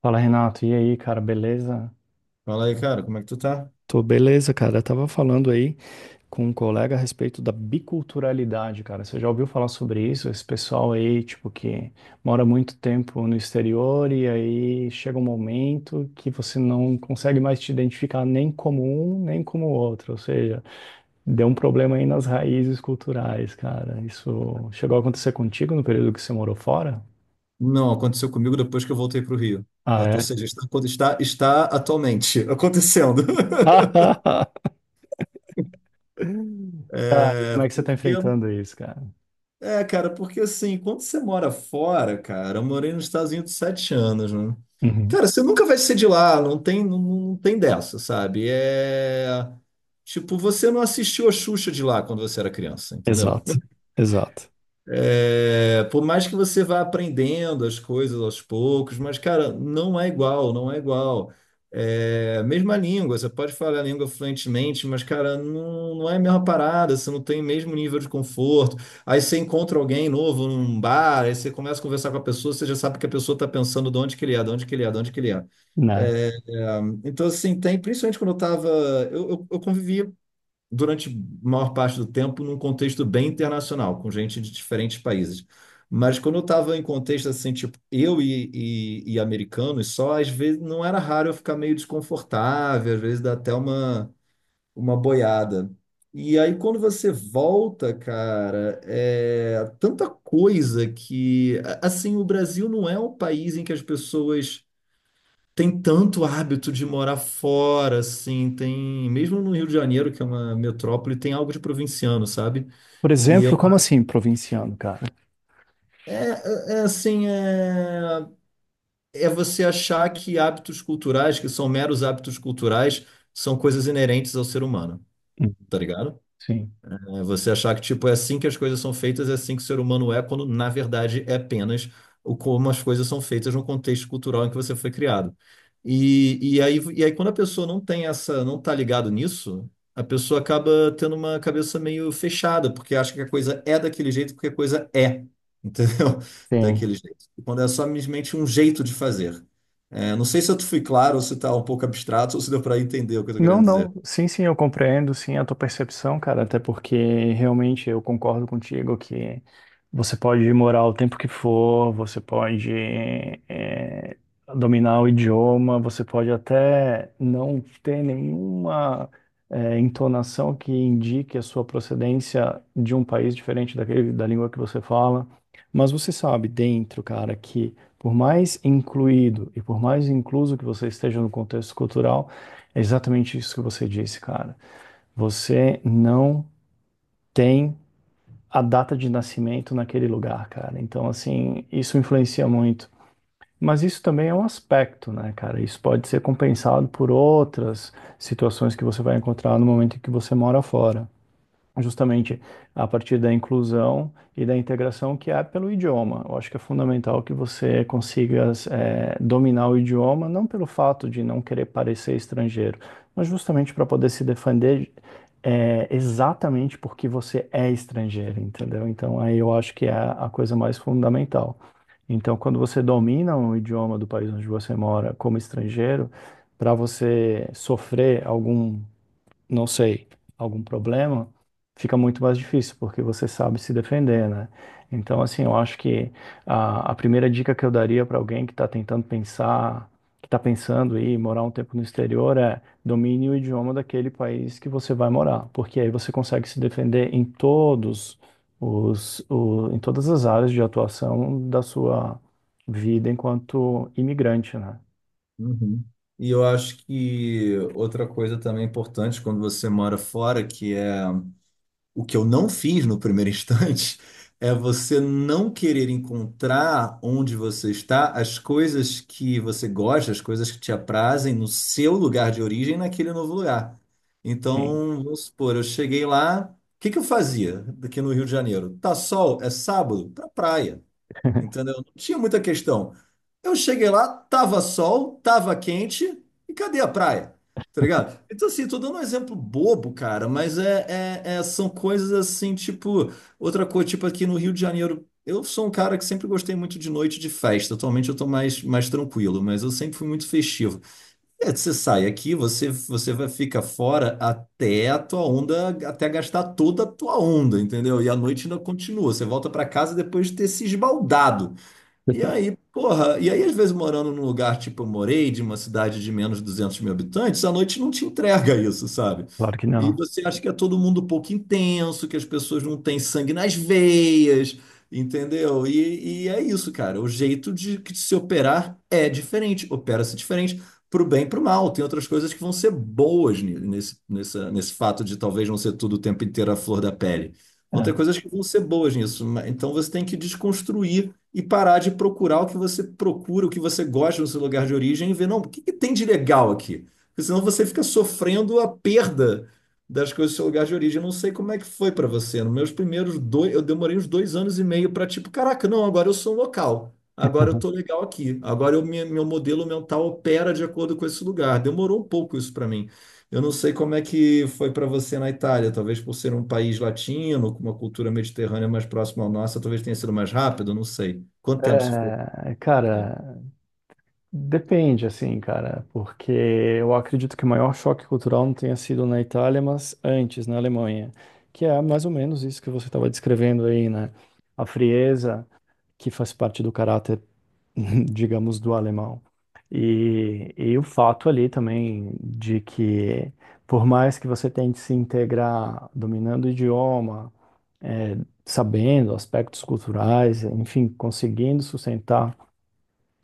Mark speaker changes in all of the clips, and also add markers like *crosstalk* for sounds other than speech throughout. Speaker 1: Fala, Renato. E aí, cara, beleza?
Speaker 2: Fala aí, cara, como é que tu tá?
Speaker 1: Tô beleza, cara. Eu tava falando aí com um colega a respeito da biculturalidade, cara. Você já ouviu falar sobre isso? Esse pessoal aí, tipo, que mora muito tempo no exterior e aí chega um momento que você não consegue mais te identificar nem como um, nem como outro. Ou seja, deu um problema aí nas raízes culturais, cara. Isso chegou a acontecer contigo no período que você morou fora?
Speaker 2: Não, aconteceu comigo depois que eu voltei pro Rio.
Speaker 1: Ah,
Speaker 2: Ah, tô- ou
Speaker 1: é?
Speaker 2: seja, está, está, está atualmente acontecendo. *laughs*
Speaker 1: *laughs* Cara,
Speaker 2: É,
Speaker 1: como é que você tá
Speaker 2: porque,
Speaker 1: enfrentando isso, cara?
Speaker 2: Cara, porque assim, quando você mora fora, cara, eu morei nos Estados Unidos sete anos, né?
Speaker 1: Uhum.
Speaker 2: Cara, você nunca vai ser de lá, não tem, não tem dessa, sabe? Tipo, você não assistiu a Xuxa de lá quando você era criança, entendeu?
Speaker 1: Exato, exato,
Speaker 2: É, por mais que você vá aprendendo as coisas aos poucos, mas, cara, não é igual, não é igual. É, mesma língua, você pode falar a língua fluentemente, mas, cara, não é a mesma parada, você não tem o mesmo nível de conforto. Aí você encontra alguém novo num bar, aí você começa a conversar com a pessoa, você já sabe que a pessoa está pensando de onde que ele é, de onde que ele é, de onde que ele é.
Speaker 1: né?
Speaker 2: É, então, assim, tem, principalmente quando eu tava. Eu convivi durante a maior parte do tempo num contexto bem internacional, com gente de diferentes países. Mas quando eu estava em contexto assim, tipo, eu e americanos só, às vezes não era raro eu ficar meio desconfortável, às vezes dá até uma boiada. E aí quando você volta, cara, é tanta coisa que, assim, o Brasil não é um país em que as pessoas tem tanto hábito de morar fora, assim, tem, mesmo no Rio de Janeiro, que é uma metrópole, tem algo de provinciano, sabe?
Speaker 1: Por
Speaker 2: E eu,
Speaker 1: exemplo, como assim provinciano, cara?
Speaker 2: é, é é assim, é, É você achar que hábitos culturais, que são meros hábitos culturais, são coisas inerentes ao ser humano,
Speaker 1: Hum.
Speaker 2: tá ligado?
Speaker 1: Sim.
Speaker 2: É você achar que tipo é assim que as coisas são feitas, é assim que o ser humano é, quando na verdade é apenas o como as coisas são feitas no contexto cultural em que você foi criado. E aí quando a pessoa não tem essa, não tá ligado nisso, a pessoa acaba tendo uma cabeça meio fechada, porque acha que a coisa é daquele jeito, porque a coisa é, entendeu? *laughs*
Speaker 1: Sim.
Speaker 2: Daquele jeito. E quando é simplesmente um jeito de fazer. É, não sei se eu fui claro, ou se está um pouco abstrato, ou se deu para entender o que eu estou
Speaker 1: Não,
Speaker 2: querendo dizer.
Speaker 1: não. Sim, sim, eu compreendo, sim, a tua percepção, cara, até porque realmente eu concordo contigo que você pode morar o tempo que for, você pode eh, dominar o idioma, você pode até não ter nenhuma entonação que indique a sua procedência de um país diferente daquele, da língua que você fala, mas você sabe dentro, cara, que por mais incluído e por mais incluso que você esteja no contexto cultural, é exatamente isso que você disse, cara. Você não tem a data de nascimento naquele lugar, cara. Então, assim, isso influencia muito. Mas isso também é um aspecto, né, cara? Isso pode ser compensado por outras situações que você vai encontrar no momento em que você mora fora justamente a partir da inclusão e da integração que há pelo idioma. Eu acho que é fundamental que você consiga dominar o idioma, não pelo fato de não querer parecer estrangeiro, mas justamente para poder se defender exatamente porque você é estrangeiro, entendeu? Então, aí eu acho que é a coisa mais fundamental. Então, quando você domina o idioma do país onde você mora como estrangeiro, para você sofrer algum não sei, algum problema, fica muito mais difícil, porque você sabe se defender, né? Então, assim, eu acho que a primeira dica que eu daria para alguém que está pensando em morar um tempo no exterior é domine o idioma daquele país que você vai morar, porque aí você consegue se defender em todos em todas as áreas de atuação da sua vida enquanto imigrante, né?
Speaker 2: Uhum. E eu acho que outra coisa também importante quando você mora fora, que é o que eu não fiz no primeiro instante *laughs* é você não querer encontrar onde você está as coisas que você gosta, as coisas que te aprazem no seu lugar de origem, naquele novo lugar.
Speaker 1: Sim.
Speaker 2: Então, vamos supor, eu cheguei lá, o que que eu fazia aqui no Rio de Janeiro? Tá sol, é sábado, pra praia.
Speaker 1: *laughs*
Speaker 2: Entendeu? Não tinha muita questão. Eu cheguei lá, tava sol, tava quente, e cadê a praia? Tá ligado? Então, assim, tô dando um exemplo bobo, cara, mas são coisas assim, tipo, outra coisa, tipo aqui no Rio de Janeiro, eu sou um cara que sempre gostei muito de noite de festa. Atualmente eu tô mais, mais tranquilo, mas eu sempre fui muito festivo. É, você sai aqui, você vai ficar fora até a tua onda, até gastar toda a tua onda, entendeu? E a noite ainda continua. Você volta pra casa depois de ter se esbaldado. E aí, porra, e aí às vezes morando num lugar tipo eu morei, de uma cidade de menos de 200 mil habitantes, à noite não te entrega isso, sabe?
Speaker 1: Claro que
Speaker 2: E
Speaker 1: não.
Speaker 2: você acha que é todo mundo um pouco intenso, que as pessoas não têm sangue nas veias, entendeu? E é isso, cara. O jeito de se operar é diferente, opera-se diferente, pro bem e pro mal. Tem outras coisas que vão ser boas nesse fato de talvez não ser tudo o tempo inteiro a flor da pele. Vão ter
Speaker 1: É.
Speaker 2: coisas que vão ser boas nisso, mas então você tem que desconstruir e parar de procurar o que você procura, o que você gosta no seu lugar de origem e ver, não, o que que tem de legal aqui? Porque senão você fica sofrendo a perda das coisas do seu lugar de origem. Eu não sei como é que foi para você. Nos meus primeiros dois, eu demorei uns dois anos e meio para tipo, caraca, não, agora eu sou um local. Agora eu tô legal aqui. Meu modelo mental opera de acordo com esse lugar. Demorou um pouco isso para mim. Eu não sei como é que foi para você na Itália, talvez por ser um país latino, com uma cultura mediterrânea mais próxima à nossa, talvez tenha sido mais rápido, não sei. Quanto tempo você ficou?
Speaker 1: É, cara, depende, assim, cara, porque eu acredito que o maior choque cultural não tenha sido na Itália, mas antes, na Alemanha, que é mais ou menos isso que você estava descrevendo aí, né? A frieza que faz parte do caráter, *laughs* digamos, do alemão. E o fato ali também de que, por mais que você tente se integrar dominando o idioma, é, sabendo aspectos culturais, enfim, conseguindo sustentar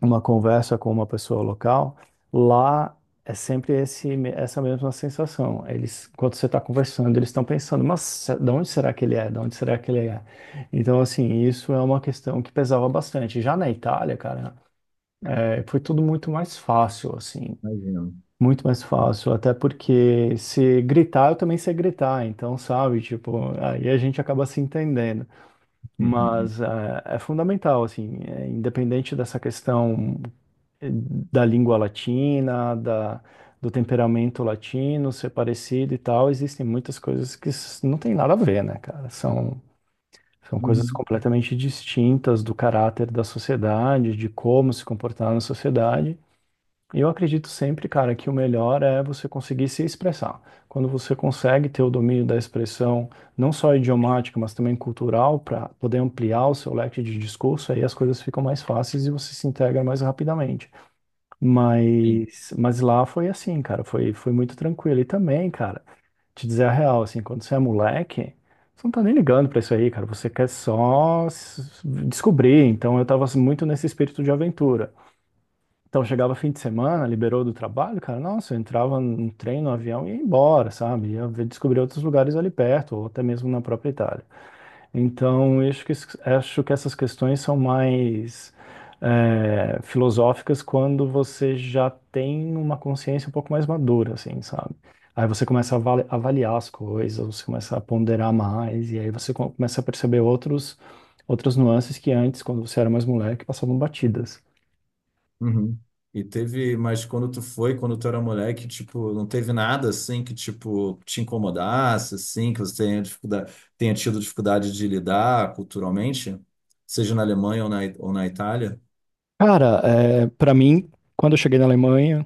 Speaker 1: uma conversa com uma pessoa local, lá é sempre essa mesma sensação. Eles, enquanto você está conversando, eles estão pensando, mas de onde será que ele é? De onde será que ele é? Então, assim, isso é uma questão que pesava bastante. Já na Itália, cara, é, foi tudo muito mais fácil, assim.
Speaker 2: Imagino.
Speaker 1: Muito mais fácil, até porque se gritar, eu também sei gritar, então, sabe, tipo, aí a gente acaba se entendendo.
Speaker 2: Uhum.
Speaker 1: Mas é fundamental, assim, é, independente dessa questão eh, da língua latina, do temperamento latino ser parecido e tal, existem muitas coisas não tem nada a ver, né, cara? São coisas
Speaker 2: Uhum.
Speaker 1: completamente distintas do caráter da sociedade, de como se comportar na sociedade. Eu acredito sempre, cara, que o melhor é você conseguir se expressar. Quando você consegue ter o domínio da expressão, não só idiomática, mas também cultural, para poder ampliar o seu leque de discurso, aí as coisas ficam mais fáceis e você se integra mais rapidamente.
Speaker 2: Sim.
Speaker 1: Mas lá foi assim, cara, foi muito tranquilo. E também, cara, te dizer a real, assim, quando você é moleque, você não tá nem ligando pra isso aí, cara, você quer só descobrir. Então eu tava assim, muito nesse espírito de aventura. Então chegava fim de semana, liberou do trabalho, cara, nossa, eu entrava num trem, no avião e ia embora, sabe? Descobrir outros lugares ali perto, ou até mesmo na própria Itália. Então, eu acho que, acho que essas questões são mais é, filosóficas quando você já tem uma consciência um pouco mais madura, assim, sabe? Aí você começa a avaliar as coisas, você começa a ponderar mais, e aí você começa a perceber outras nuances que antes, quando você era mais moleque, passavam batidas.
Speaker 2: Uhum. E teve, mas quando tu foi, quando tu era moleque, tipo, não teve nada assim que, tipo, te incomodasse, assim, que você tenha dificuldade, tenha tido dificuldade de lidar culturalmente, seja na Alemanha ou ou na Itália?
Speaker 1: Cara, é, para mim, quando eu cheguei na Alemanha,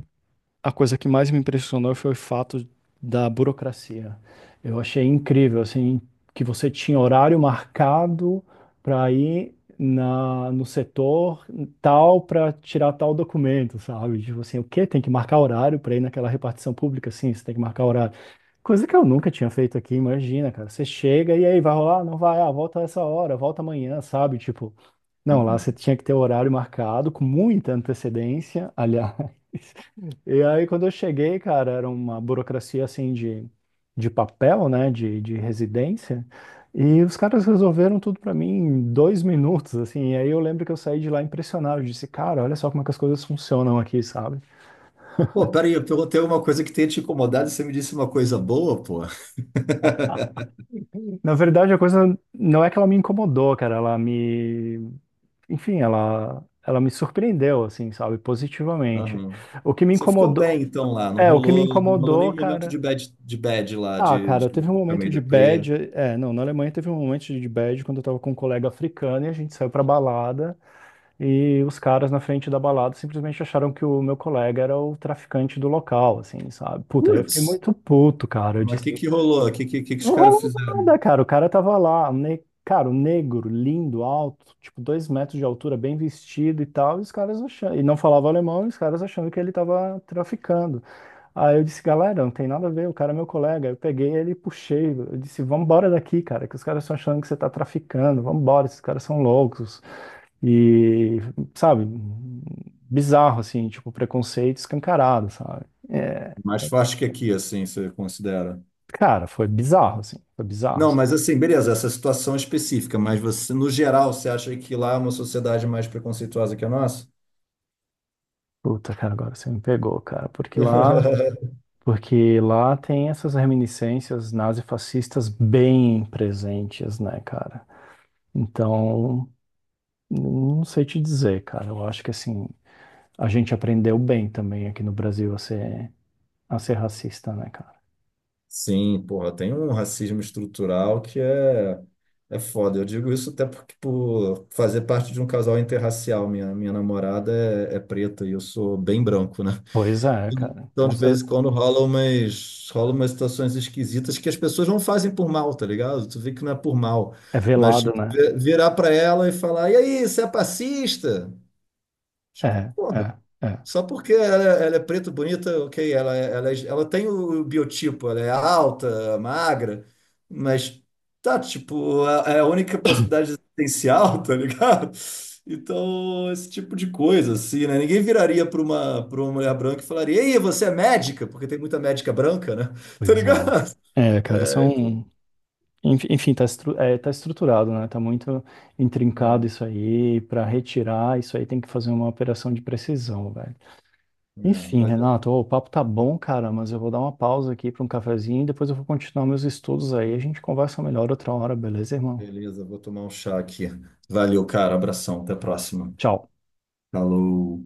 Speaker 1: a coisa que mais me impressionou foi o fato da burocracia. Eu achei incrível, assim, que você tinha horário marcado para ir no setor tal para tirar tal documento, sabe? Tipo assim, o quê? Tem que marcar horário para ir naquela repartição pública? Sim, você tem que marcar horário. Coisa que eu nunca tinha feito aqui, imagina, cara. Você chega e aí vai rolar? Não vai, ah, volta essa hora, volta amanhã, sabe? Tipo. Não, lá você tinha que ter o horário marcado com muita antecedência, aliás. *laughs* E aí, quando eu cheguei, cara, era uma burocracia assim de papel, né, de residência. E os caras resolveram tudo pra mim em 2 minutos, assim. E aí eu lembro que eu saí de lá impressionado. Eu disse, cara, olha só como é que as coisas funcionam aqui, sabe?
Speaker 2: Pô, peraí, eu perguntei alguma coisa que tenha te incomodado e você me disse uma coisa boa, pô.
Speaker 1: Na verdade, a coisa não é que ela me incomodou, cara. Ela me. Enfim, ela me surpreendeu, assim, sabe? Positivamente.
Speaker 2: Aham.
Speaker 1: O que me
Speaker 2: Você ficou
Speaker 1: incomodou.
Speaker 2: bem então lá, não
Speaker 1: É, o que me
Speaker 2: rolou, não rolou
Speaker 1: incomodou,
Speaker 2: nenhum momento
Speaker 1: cara.
Speaker 2: de bad lá,
Speaker 1: Ah,
Speaker 2: de
Speaker 1: cara, teve um
Speaker 2: ficar
Speaker 1: momento
Speaker 2: meio
Speaker 1: de
Speaker 2: deprê.
Speaker 1: bad. É, não, na Alemanha teve um momento de bad quando eu tava com um colega africano e a gente saiu pra balada e os caras na frente da balada simplesmente acharam que o meu colega era o traficante do local, assim, sabe? Puta, aí eu fiquei
Speaker 2: Putz,
Speaker 1: muito puto, cara. Eu
Speaker 2: mas o que
Speaker 1: disse,
Speaker 2: que rolou? O que que os
Speaker 1: não
Speaker 2: caras
Speaker 1: rolou
Speaker 2: fizeram?
Speaker 1: nada, cara. O cara tava lá, cara, um negro, lindo, alto, tipo, 2 metros de altura, bem vestido e tal. E os caras achando. E não falava alemão, e os caras achando que ele tava traficando. Aí eu disse, galera, não tem nada a ver, o cara é meu colega. Eu peguei ele e puxei. Eu disse, vambora daqui, cara, que os caras estão achando que você tá traficando. Vambora, esses caras são loucos. E, sabe, bizarro, assim, tipo, preconceito escancarado, sabe? É,
Speaker 2: Mais forte que aqui, assim, você considera?
Speaker 1: cara, foi bizarro, assim, foi bizarro.
Speaker 2: Não, mas assim, beleza, essa situação específica, mas você, no geral, você acha que lá é uma sociedade mais preconceituosa que a nossa?
Speaker 1: Puta, cara, agora você me pegou, cara,
Speaker 2: *laughs*
Speaker 1: porque lá tem essas reminiscências nazifascistas bem presentes, né, cara? Então, não sei te dizer, cara. Eu acho que assim, a gente aprendeu bem também aqui no Brasil a ser racista, né, cara?
Speaker 2: Sim, porra, tem um racismo estrutural que é, é foda. Eu digo isso até porque por fazer parte de um casal interracial. Minha namorada é preta e eu sou bem branco, né?
Speaker 1: Pois é, cara.
Speaker 2: Então, de vez em quando rola umas situações esquisitas que as pessoas não fazem por mal, tá ligado? Tu vê que não é por mal.
Speaker 1: É
Speaker 2: Mas
Speaker 1: velado,
Speaker 2: tipo,
Speaker 1: né?
Speaker 2: virar pra ela e falar, e aí, você é passista?
Speaker 1: É, é, é.
Speaker 2: Só porque ela é preta, bonita, ok, ela tem o biotipo, ela é alta, magra, mas tá, tipo, é é a única possibilidade existencial, *laughs* tá ligado? Então, esse tipo de coisa, assim, né? Ninguém viraria para uma mulher branca e falaria, ei, você é médica? Porque tem muita médica branca, né? *laughs* Tá
Speaker 1: Pois
Speaker 2: ligado?
Speaker 1: é. É, cara,
Speaker 2: É, então,
Speaker 1: Enfim, tá, tá estruturado, né? Tá muito intrincado
Speaker 2: é,
Speaker 1: isso aí. Para retirar isso aí tem que fazer uma operação de precisão, velho.
Speaker 2: é,
Speaker 1: Enfim,
Speaker 2: vai dar-
Speaker 1: Renato, ô, o papo tá bom, cara, mas eu vou dar uma pausa aqui para um cafezinho e depois eu vou continuar meus estudos aí. A gente conversa melhor outra hora, beleza, irmão?
Speaker 2: Beleza, vou tomar um chá aqui. Valeu, cara, abração, até a próxima.
Speaker 1: Tchau.
Speaker 2: Falou.